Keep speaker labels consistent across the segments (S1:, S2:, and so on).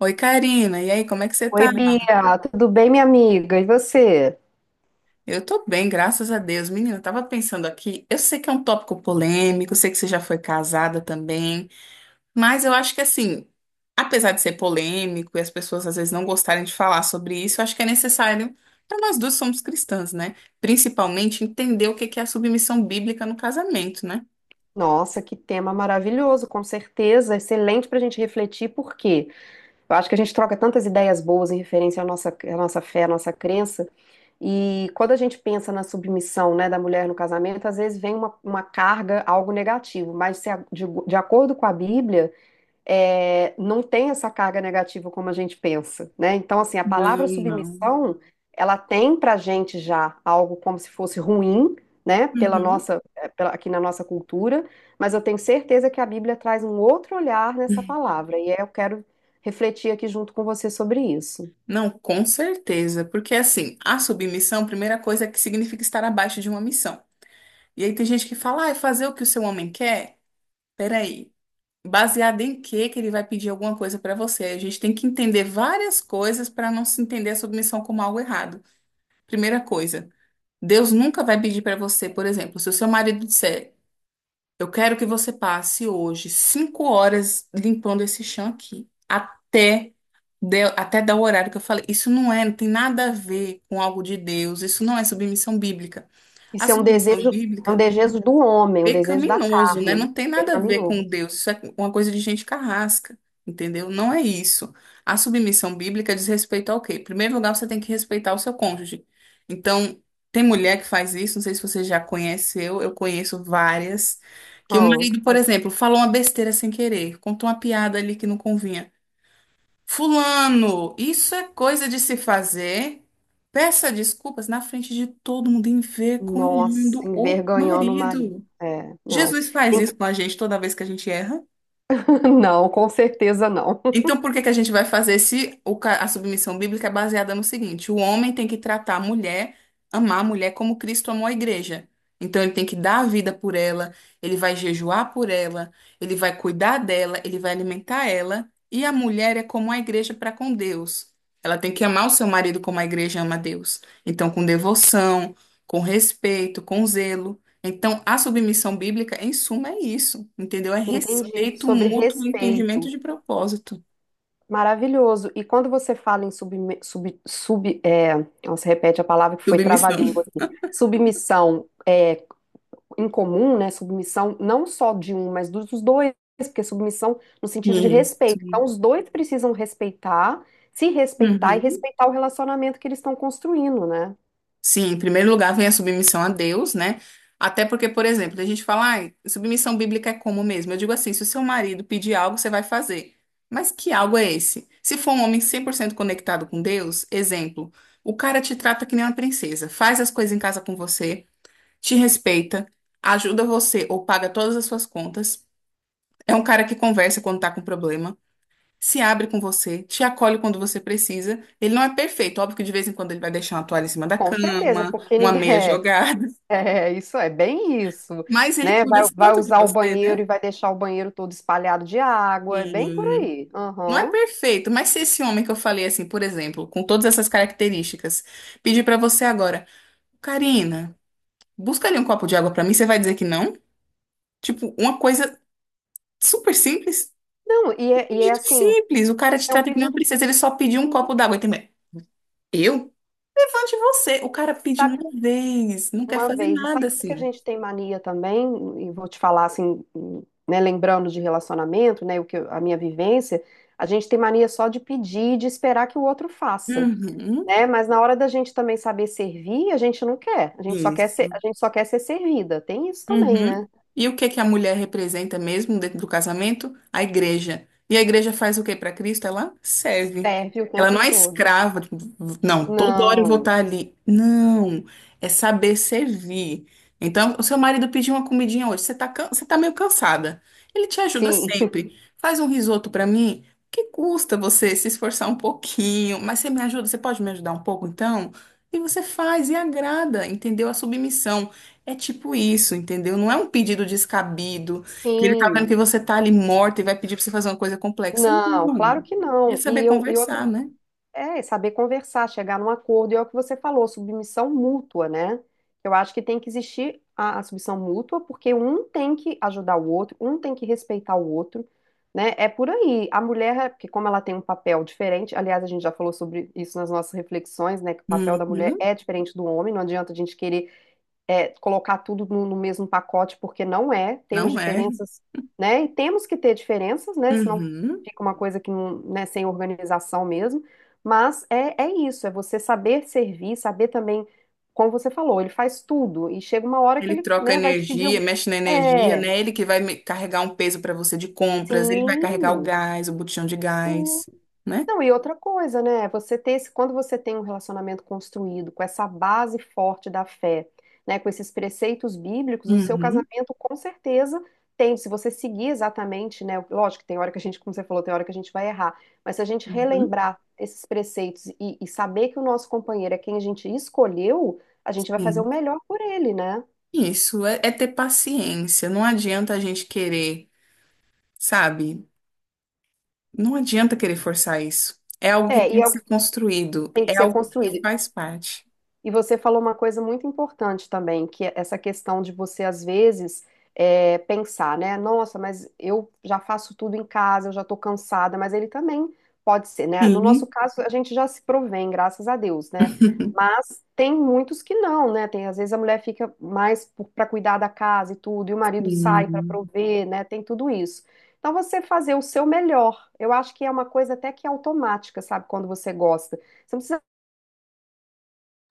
S1: Oi, Karina. E aí, como é que você
S2: Oi,
S1: tá?
S2: Bia, tudo bem, minha amiga? E você?
S1: Eu tô bem, graças a Deus. Menina, eu tava pensando aqui, eu sei que é um tópico polêmico, eu sei que você já foi casada também, mas eu acho que assim, apesar de ser polêmico e as pessoas às vezes não gostarem de falar sobre isso, eu acho que é necessário, para nós duas somos cristãs, né? Principalmente entender o que que é a submissão bíblica no casamento, né?
S2: Nossa, que tema maravilhoso, com certeza, excelente para a gente refletir, por quê? Eu acho que a gente troca tantas ideias boas em referência à nossa fé, à nossa crença, e quando a gente pensa na submissão, né, da mulher no casamento, às vezes vem uma carga, algo negativo, mas se a- de acordo com a Bíblia. Não tem essa carga negativa como a gente pensa, né? Então, assim, a palavra
S1: Não, não.
S2: submissão, ela tem pra gente já algo como se fosse ruim, né? Pela
S1: Uhum.
S2: nossa, é, pela- Aqui na nossa cultura, mas eu tenho certeza que a Bíblia traz um outro olhar nessa palavra, eu quero refletir aqui junto com você sobre isso.
S1: Não, com certeza, porque assim, a submissão, a primeira coisa é que significa estar abaixo de uma missão. E aí tem gente que fala, ah, é fazer o que o seu homem quer? Peraí, baseado em quê que ele vai pedir alguma coisa pra você? A gente tem que entender várias coisas para não se entender a submissão como algo errado. Primeira coisa, Deus nunca vai pedir pra você, por exemplo, se o seu marido disser, eu quero que você passe hoje cinco horas limpando esse chão aqui, até até dar o horário que eu falei. Isso não é, não tem nada a ver com algo de Deus. Isso não é submissão bíblica. A
S2: Isso
S1: submissão
S2: é um
S1: bíblica
S2: desejo do homem, um desejo da
S1: pecaminoso, né?
S2: carne,
S1: Não tem
S2: é
S1: nada a ver com
S2: pecaminoso.
S1: Deus, isso é uma coisa de gente carrasca, entendeu? Não é isso. A submissão bíblica diz respeito ao quê? Em primeiro lugar, você tem que respeitar o seu cônjuge. Então, tem mulher que faz isso, não sei se você já conheceu, eu conheço várias, que o
S2: Não,
S1: marido, por
S2: faz...
S1: exemplo, falou uma besteira sem querer, contou uma piada ali que não convinha. Fulano, isso é coisa de se fazer. Peça desculpas na frente de todo mundo,
S2: Nossa,
S1: envergonhando o
S2: envergonhando o marido.
S1: marido.
S2: É, não.
S1: Jesus faz isso com a gente toda vez que a gente erra.
S2: Não, com certeza não.
S1: Então, por que que a gente vai fazer se o ca- a submissão bíblica é baseada no seguinte: o homem tem que tratar a mulher, amar a mulher como Cristo amou a igreja. Então, ele tem que dar a vida por ela, ele vai jejuar por ela, ele vai cuidar dela, ele vai alimentar ela. E a mulher é como a igreja para com Deus. Ela tem que amar o seu marido como a igreja ama a Deus. Então, com devoção, com respeito, com zelo. Então, a submissão bíblica, em suma, é isso, entendeu? É
S2: Entendi.
S1: respeito
S2: Sobre
S1: mútuo e entendimento
S2: respeito.
S1: de propósito.
S2: Maravilhoso. E quando você fala em nossa, repete a palavra que foi
S1: Submissão.
S2: trava-língua aqui. Submissão é em comum, né? Submissão não só de um, mas dos dois, porque submissão no sentido de
S1: Isso.
S2: respeito. Então, os dois precisam respeitar, se respeitar e
S1: Uhum.
S2: respeitar o relacionamento que eles estão construindo, né?
S1: Sim, em primeiro lugar vem a submissão a Deus, né? Até porque, por exemplo, a gente fala, ai, submissão bíblica é como mesmo? Eu digo assim, se o seu marido pedir algo, você vai fazer. Mas que algo é esse? Se for um homem 100% conectado com Deus, exemplo, o cara te trata que nem uma princesa, faz as coisas em casa com você, te respeita, ajuda você ou paga todas as suas contas. É um cara que conversa quando tá com problema. Se abre com você, te acolhe quando você precisa. Ele não é perfeito, óbvio que de vez em quando ele vai deixar uma toalha em cima da
S2: Com certeza,
S1: cama,
S2: porque
S1: uma
S2: ninguém,
S1: meia jogada,
S2: é, isso é bem isso,
S1: mas ele
S2: né?
S1: cuida
S2: Vai
S1: tanto de
S2: usar o
S1: você, né?
S2: banheiro e vai deixar o banheiro todo espalhado de água, é bem por
S1: E
S2: aí.
S1: não é
S2: Aham.
S1: perfeito, mas se esse homem que eu falei assim, por exemplo, com todas essas características, pedir pra você agora, Karina, busca ali um copo de água pra mim, você vai dizer que não? Tipo, uma coisa super simples,
S2: Não,
S1: um
S2: e é
S1: pedido
S2: assim,
S1: simples. O cara te
S2: é um
S1: trata que nem uma
S2: pedido,
S1: princesa, ele só pediu um
S2: sim,
S1: copo d'água e também. Eu? Levante você. O cara pediu
S2: sabe,
S1: uma vez, não quer
S2: uma
S1: fazer
S2: vez. E sabe
S1: nada
S2: o que que a
S1: assim.
S2: gente tem mania também? E vou te falar assim, né, lembrando de relacionamento, né, a minha vivência, a gente tem mania só de pedir, e de esperar que o outro faça,
S1: Uhum.
S2: né? Mas na hora da gente também saber servir, a gente não quer. A gente só quer ser,
S1: Isso.
S2: a gente só quer ser servida. Tem isso também,
S1: Uhum.
S2: né?
S1: E o que que a mulher representa mesmo dentro do casamento? A igreja. E a igreja faz o que para Cristo? Ela serve.
S2: Serve o
S1: Ela
S2: tempo
S1: não é
S2: todo.
S1: escrava. Tipo, não, toda hora eu vou
S2: Não.
S1: estar ali. Não, é saber servir. Então, o seu marido pediu uma comidinha hoje, você tá meio cansada. Ele te ajuda
S2: Sim.
S1: sempre. Faz um risoto para mim. Que custa você se esforçar um pouquinho? Mas você me ajuda, você pode me ajudar um pouco então? E você faz e agrada, entendeu? A submissão. É tipo isso, entendeu? Não é um pedido descabido, que ele tá vendo
S2: Sim.
S1: que você tá ali morta e vai pedir pra você fazer uma coisa complexa.
S2: Não,
S1: Não.
S2: claro que
S1: Ia
S2: não. E
S1: saber
S2: eu e outra
S1: conversar, né?
S2: é saber conversar, chegar num acordo, e é o que você falou, submissão mútua, né? Eu acho que tem que existir a submissão mútua, porque um tem que ajudar o outro, um tem que respeitar o outro, né? É por aí. A mulher, porque como ela tem um papel diferente, aliás, a gente já falou sobre isso nas nossas reflexões, né? Que o papel da mulher
S1: Uhum.
S2: é diferente do homem, não adianta a gente querer colocar tudo no mesmo pacote, porque não é, temos
S1: Não é.
S2: diferenças, né? E temos que ter diferenças, né? Senão
S1: Uhum.
S2: fica uma coisa que não, né, sem organização mesmo. Mas é isso, é você saber servir, saber também, como você falou, ele faz tudo, e chega uma hora que
S1: Ele
S2: ele,
S1: troca
S2: né, vai te pedir
S1: energia,
S2: algum.
S1: mexe na energia,
S2: É,
S1: né? Ele que vai carregar um peso para você de compras, ele vai carregar o
S2: sim,
S1: gás, o botijão de
S2: sim,
S1: gás, né?
S2: não, e outra coisa, né? Você ter esse, quando você tem um relacionamento construído com essa base forte da fé, né, com esses preceitos bíblicos, o seu
S1: Uhum.
S2: casamento com certeza tem, se você seguir exatamente, né, lógico que tem hora que a gente, como você falou, tem hora que a gente vai errar, mas se a gente
S1: Uhum.
S2: relembrar esses preceitos e saber que o nosso companheiro é quem a gente escolheu, a gente vai fazer o
S1: Sim.
S2: melhor por ele, né?
S1: Isso é ter paciência. Não adianta a gente querer, sabe? Não adianta querer forçar isso. É algo que tem que
S2: O
S1: ser
S2: que
S1: construído,
S2: tem que
S1: é
S2: ser
S1: algo que
S2: construído.
S1: faz parte.
S2: E você falou uma coisa muito importante também, que é essa questão de você, às vezes, pensar, né? Nossa, mas eu já faço tudo em casa, eu já tô cansada, mas ele também pode ser, né? No nosso
S1: Sim.
S2: caso, a gente já se provém, graças a Deus, né? Mas tem muitos que não, né? Tem, às vezes a mulher fica mais para cuidar da casa e tudo, e o marido sai para
S1: Sim.
S2: prover, né? Tem tudo isso. Então, você fazer o seu melhor. Eu acho que é uma coisa até que automática, sabe? Quando você gosta. Você não precisa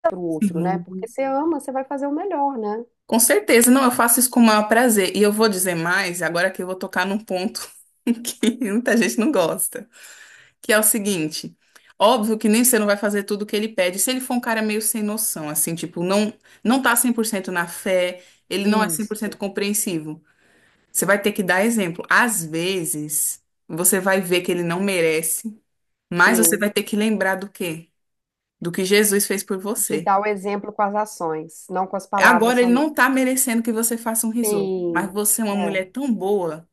S2: pro outro, né?
S1: Sim.
S2: Porque você ama, você vai fazer o melhor, né?
S1: Com certeza, não, eu faço isso com o maior prazer. E eu vou dizer mais, agora que eu vou tocar num ponto que muita gente não gosta, que é o seguinte: óbvio que nem você não vai fazer tudo o que ele pede. Se ele for um cara meio sem noção, assim, tipo, não, não tá 100% na fé, ele não é 100%
S2: Isso.
S1: compreensivo. Você vai ter que dar exemplo. Às vezes, você vai ver que ele não merece, mas você
S2: Sim,
S1: vai ter que lembrar do quê? Do que Jesus fez por
S2: de
S1: você.
S2: dar o exemplo com as ações, não com as palavras
S1: Agora ele não
S2: somente.
S1: está merecendo que você faça um risoto,
S2: Sim,
S1: mas você é uma
S2: é.
S1: mulher tão boa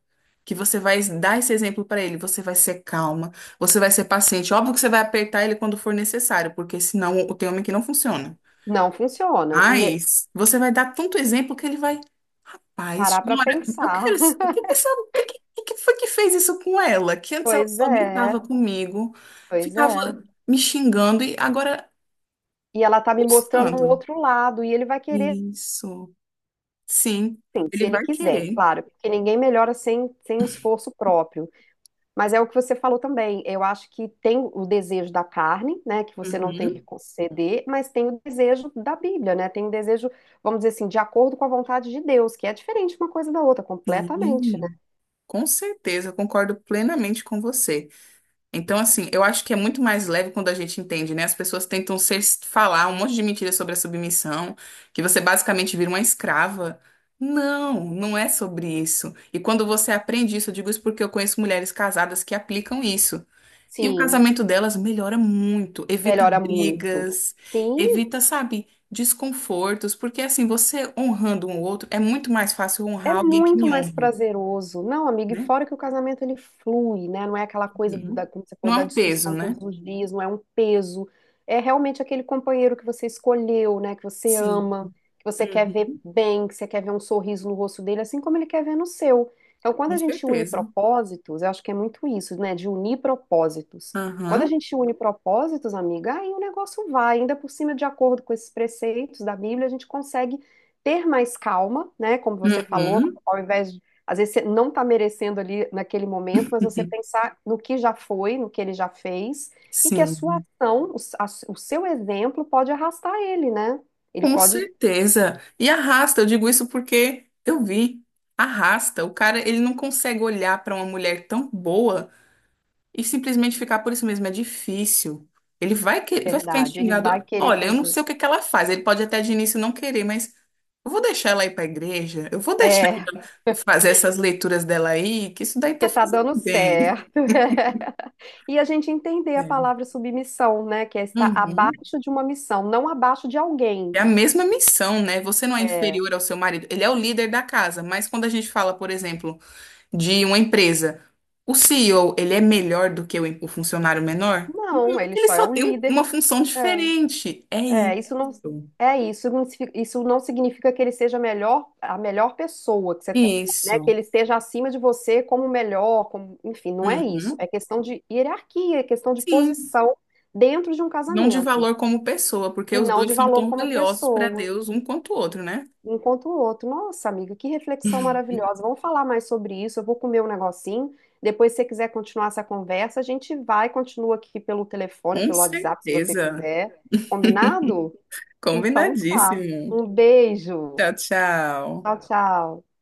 S1: que você vai dar esse exemplo para ele. Você vai ser calma, você vai ser paciente. Óbvio que você vai apertar ele quando for necessário, porque senão tem homem que não funciona.
S2: Não funciona. E é-
S1: Mas você vai dar tanto exemplo que ele vai Paz,
S2: parar pra
S1: Nora, eu quero.
S2: pensar.
S1: O que, que, essa- o que que- o que que foi que fez isso com ela? Que antes ela
S2: Pois
S1: só gritava
S2: é,
S1: comigo,
S2: pois
S1: ficava
S2: é.
S1: me xingando e agora
S2: E ela tá me mostrando um
S1: gostando.
S2: outro lado, e ele vai querer,
S1: Isso. Sim,
S2: sim, se
S1: ele
S2: ele
S1: vai
S2: quiser,
S1: querer.
S2: claro, porque ninguém melhora sem um esforço próprio. Mas é o que você falou também. Eu acho que tem o desejo da carne, né, que você não tem que
S1: Uhum.
S2: conceder, mas tem o desejo da Bíblia, né? Tem o desejo, vamos dizer assim, de acordo com a vontade de Deus, que é diferente uma coisa da outra, completamente, né?
S1: Sim, com certeza, eu concordo plenamente com você. Então, assim, eu acho que é muito mais leve quando a gente entende, né? As pessoas tentam ser, falar um monte de mentiras sobre a submissão, que você basicamente vira uma escrava. Não, não é sobre isso. E quando você aprende isso, eu digo isso porque eu conheço mulheres casadas que aplicam isso. E o
S2: Sim,
S1: casamento delas melhora muito, evita
S2: melhora muito.
S1: brigas,
S2: Sim,
S1: evita, sabe, desconfortos, porque assim, você honrando um outro, é muito mais fácil
S2: é
S1: honrar alguém que
S2: muito
S1: me
S2: mais
S1: honra,
S2: prazeroso. Não, amiga, e
S1: né?
S2: fora que o casamento ele flui, né? Não é aquela coisa
S1: Uhum.
S2: da, como você falou,
S1: Não é
S2: da
S1: um peso,
S2: discussão
S1: né?
S2: todos os dias, não é um peso. É realmente aquele companheiro que você escolheu, né? Que você
S1: Sim.
S2: ama, que você quer ver
S1: Uhum.
S2: bem, que você quer ver um sorriso no rosto dele, assim como ele quer ver no seu. Então, quando
S1: Com
S2: a gente une
S1: certeza.
S2: propósitos, eu acho que é muito isso, né? De unir propósitos. Quando a
S1: Aham.
S2: gente une propósitos, amiga, aí o negócio vai. Ainda por cima, de acordo com esses preceitos da Bíblia, a gente consegue ter mais calma, né? Como você falou,
S1: Uhum.
S2: ao invés de, às vezes você não está merecendo ali naquele momento, mas você pensar no que já foi, no que ele já fez, e que a sua
S1: Sim.
S2: ação, o seu exemplo pode arrastar ele, né? Ele
S1: Com
S2: pode,
S1: certeza. E arrasta, eu digo isso porque eu vi. Arrasta. O cara, ele não consegue olhar para uma mulher tão boa e simplesmente ficar por isso mesmo. É difícil. Ele vai, que... vai ficar
S2: verdade, ele vai
S1: instigado.
S2: querer
S1: Olha, eu não
S2: fazer.
S1: sei o que que ela faz. Ele pode até de início não querer, mas eu vou deixar ela ir para a igreja. Eu vou deixar
S2: É,
S1: fazer essas leituras dela aí, que isso daí tá
S2: porque tá
S1: fazendo
S2: dando
S1: bem.
S2: certo. E a gente entender a
S1: É.
S2: palavra submissão, né? Que é estar
S1: Uhum.
S2: abaixo de uma missão, não abaixo de alguém.
S1: É a mesma missão, né? Você não é
S2: É,
S1: inferior ao seu marido. Ele é o líder da casa, mas quando a gente fala, por exemplo, de uma empresa, o CEO, ele é melhor do que o funcionário menor?
S2: não, ele
S1: Ele
S2: só é
S1: só
S2: o
S1: tem um-
S2: líder.
S1: uma função diferente. É isso.
S2: É, não isso não significa que ele seja a melhor pessoa, que você, né, que
S1: Isso.
S2: ele esteja acima de você como melhor, como, enfim, não é isso. É
S1: Uhum.
S2: questão de hierarquia, é questão de
S1: Sim.
S2: posição dentro de um
S1: Não de
S2: casamento
S1: valor como pessoa, porque
S2: e
S1: os
S2: não de
S1: dois são
S2: valor
S1: tão
S2: como
S1: valiosos para
S2: pessoa.
S1: Deus um quanto o outro, né?
S2: Enquanto o outro. Nossa, amiga, que reflexão maravilhosa. Vamos falar mais sobre isso. Eu vou comer um negocinho. Depois, se você quiser continuar essa conversa, a gente vai, continua aqui pelo telefone,
S1: Com
S2: pelo WhatsApp, se você
S1: certeza.
S2: quiser. Combinado? Então tá.
S1: Combinadíssimo.
S2: Um beijo.
S1: Tchau,
S2: Tchau,
S1: tchau.
S2: tchau.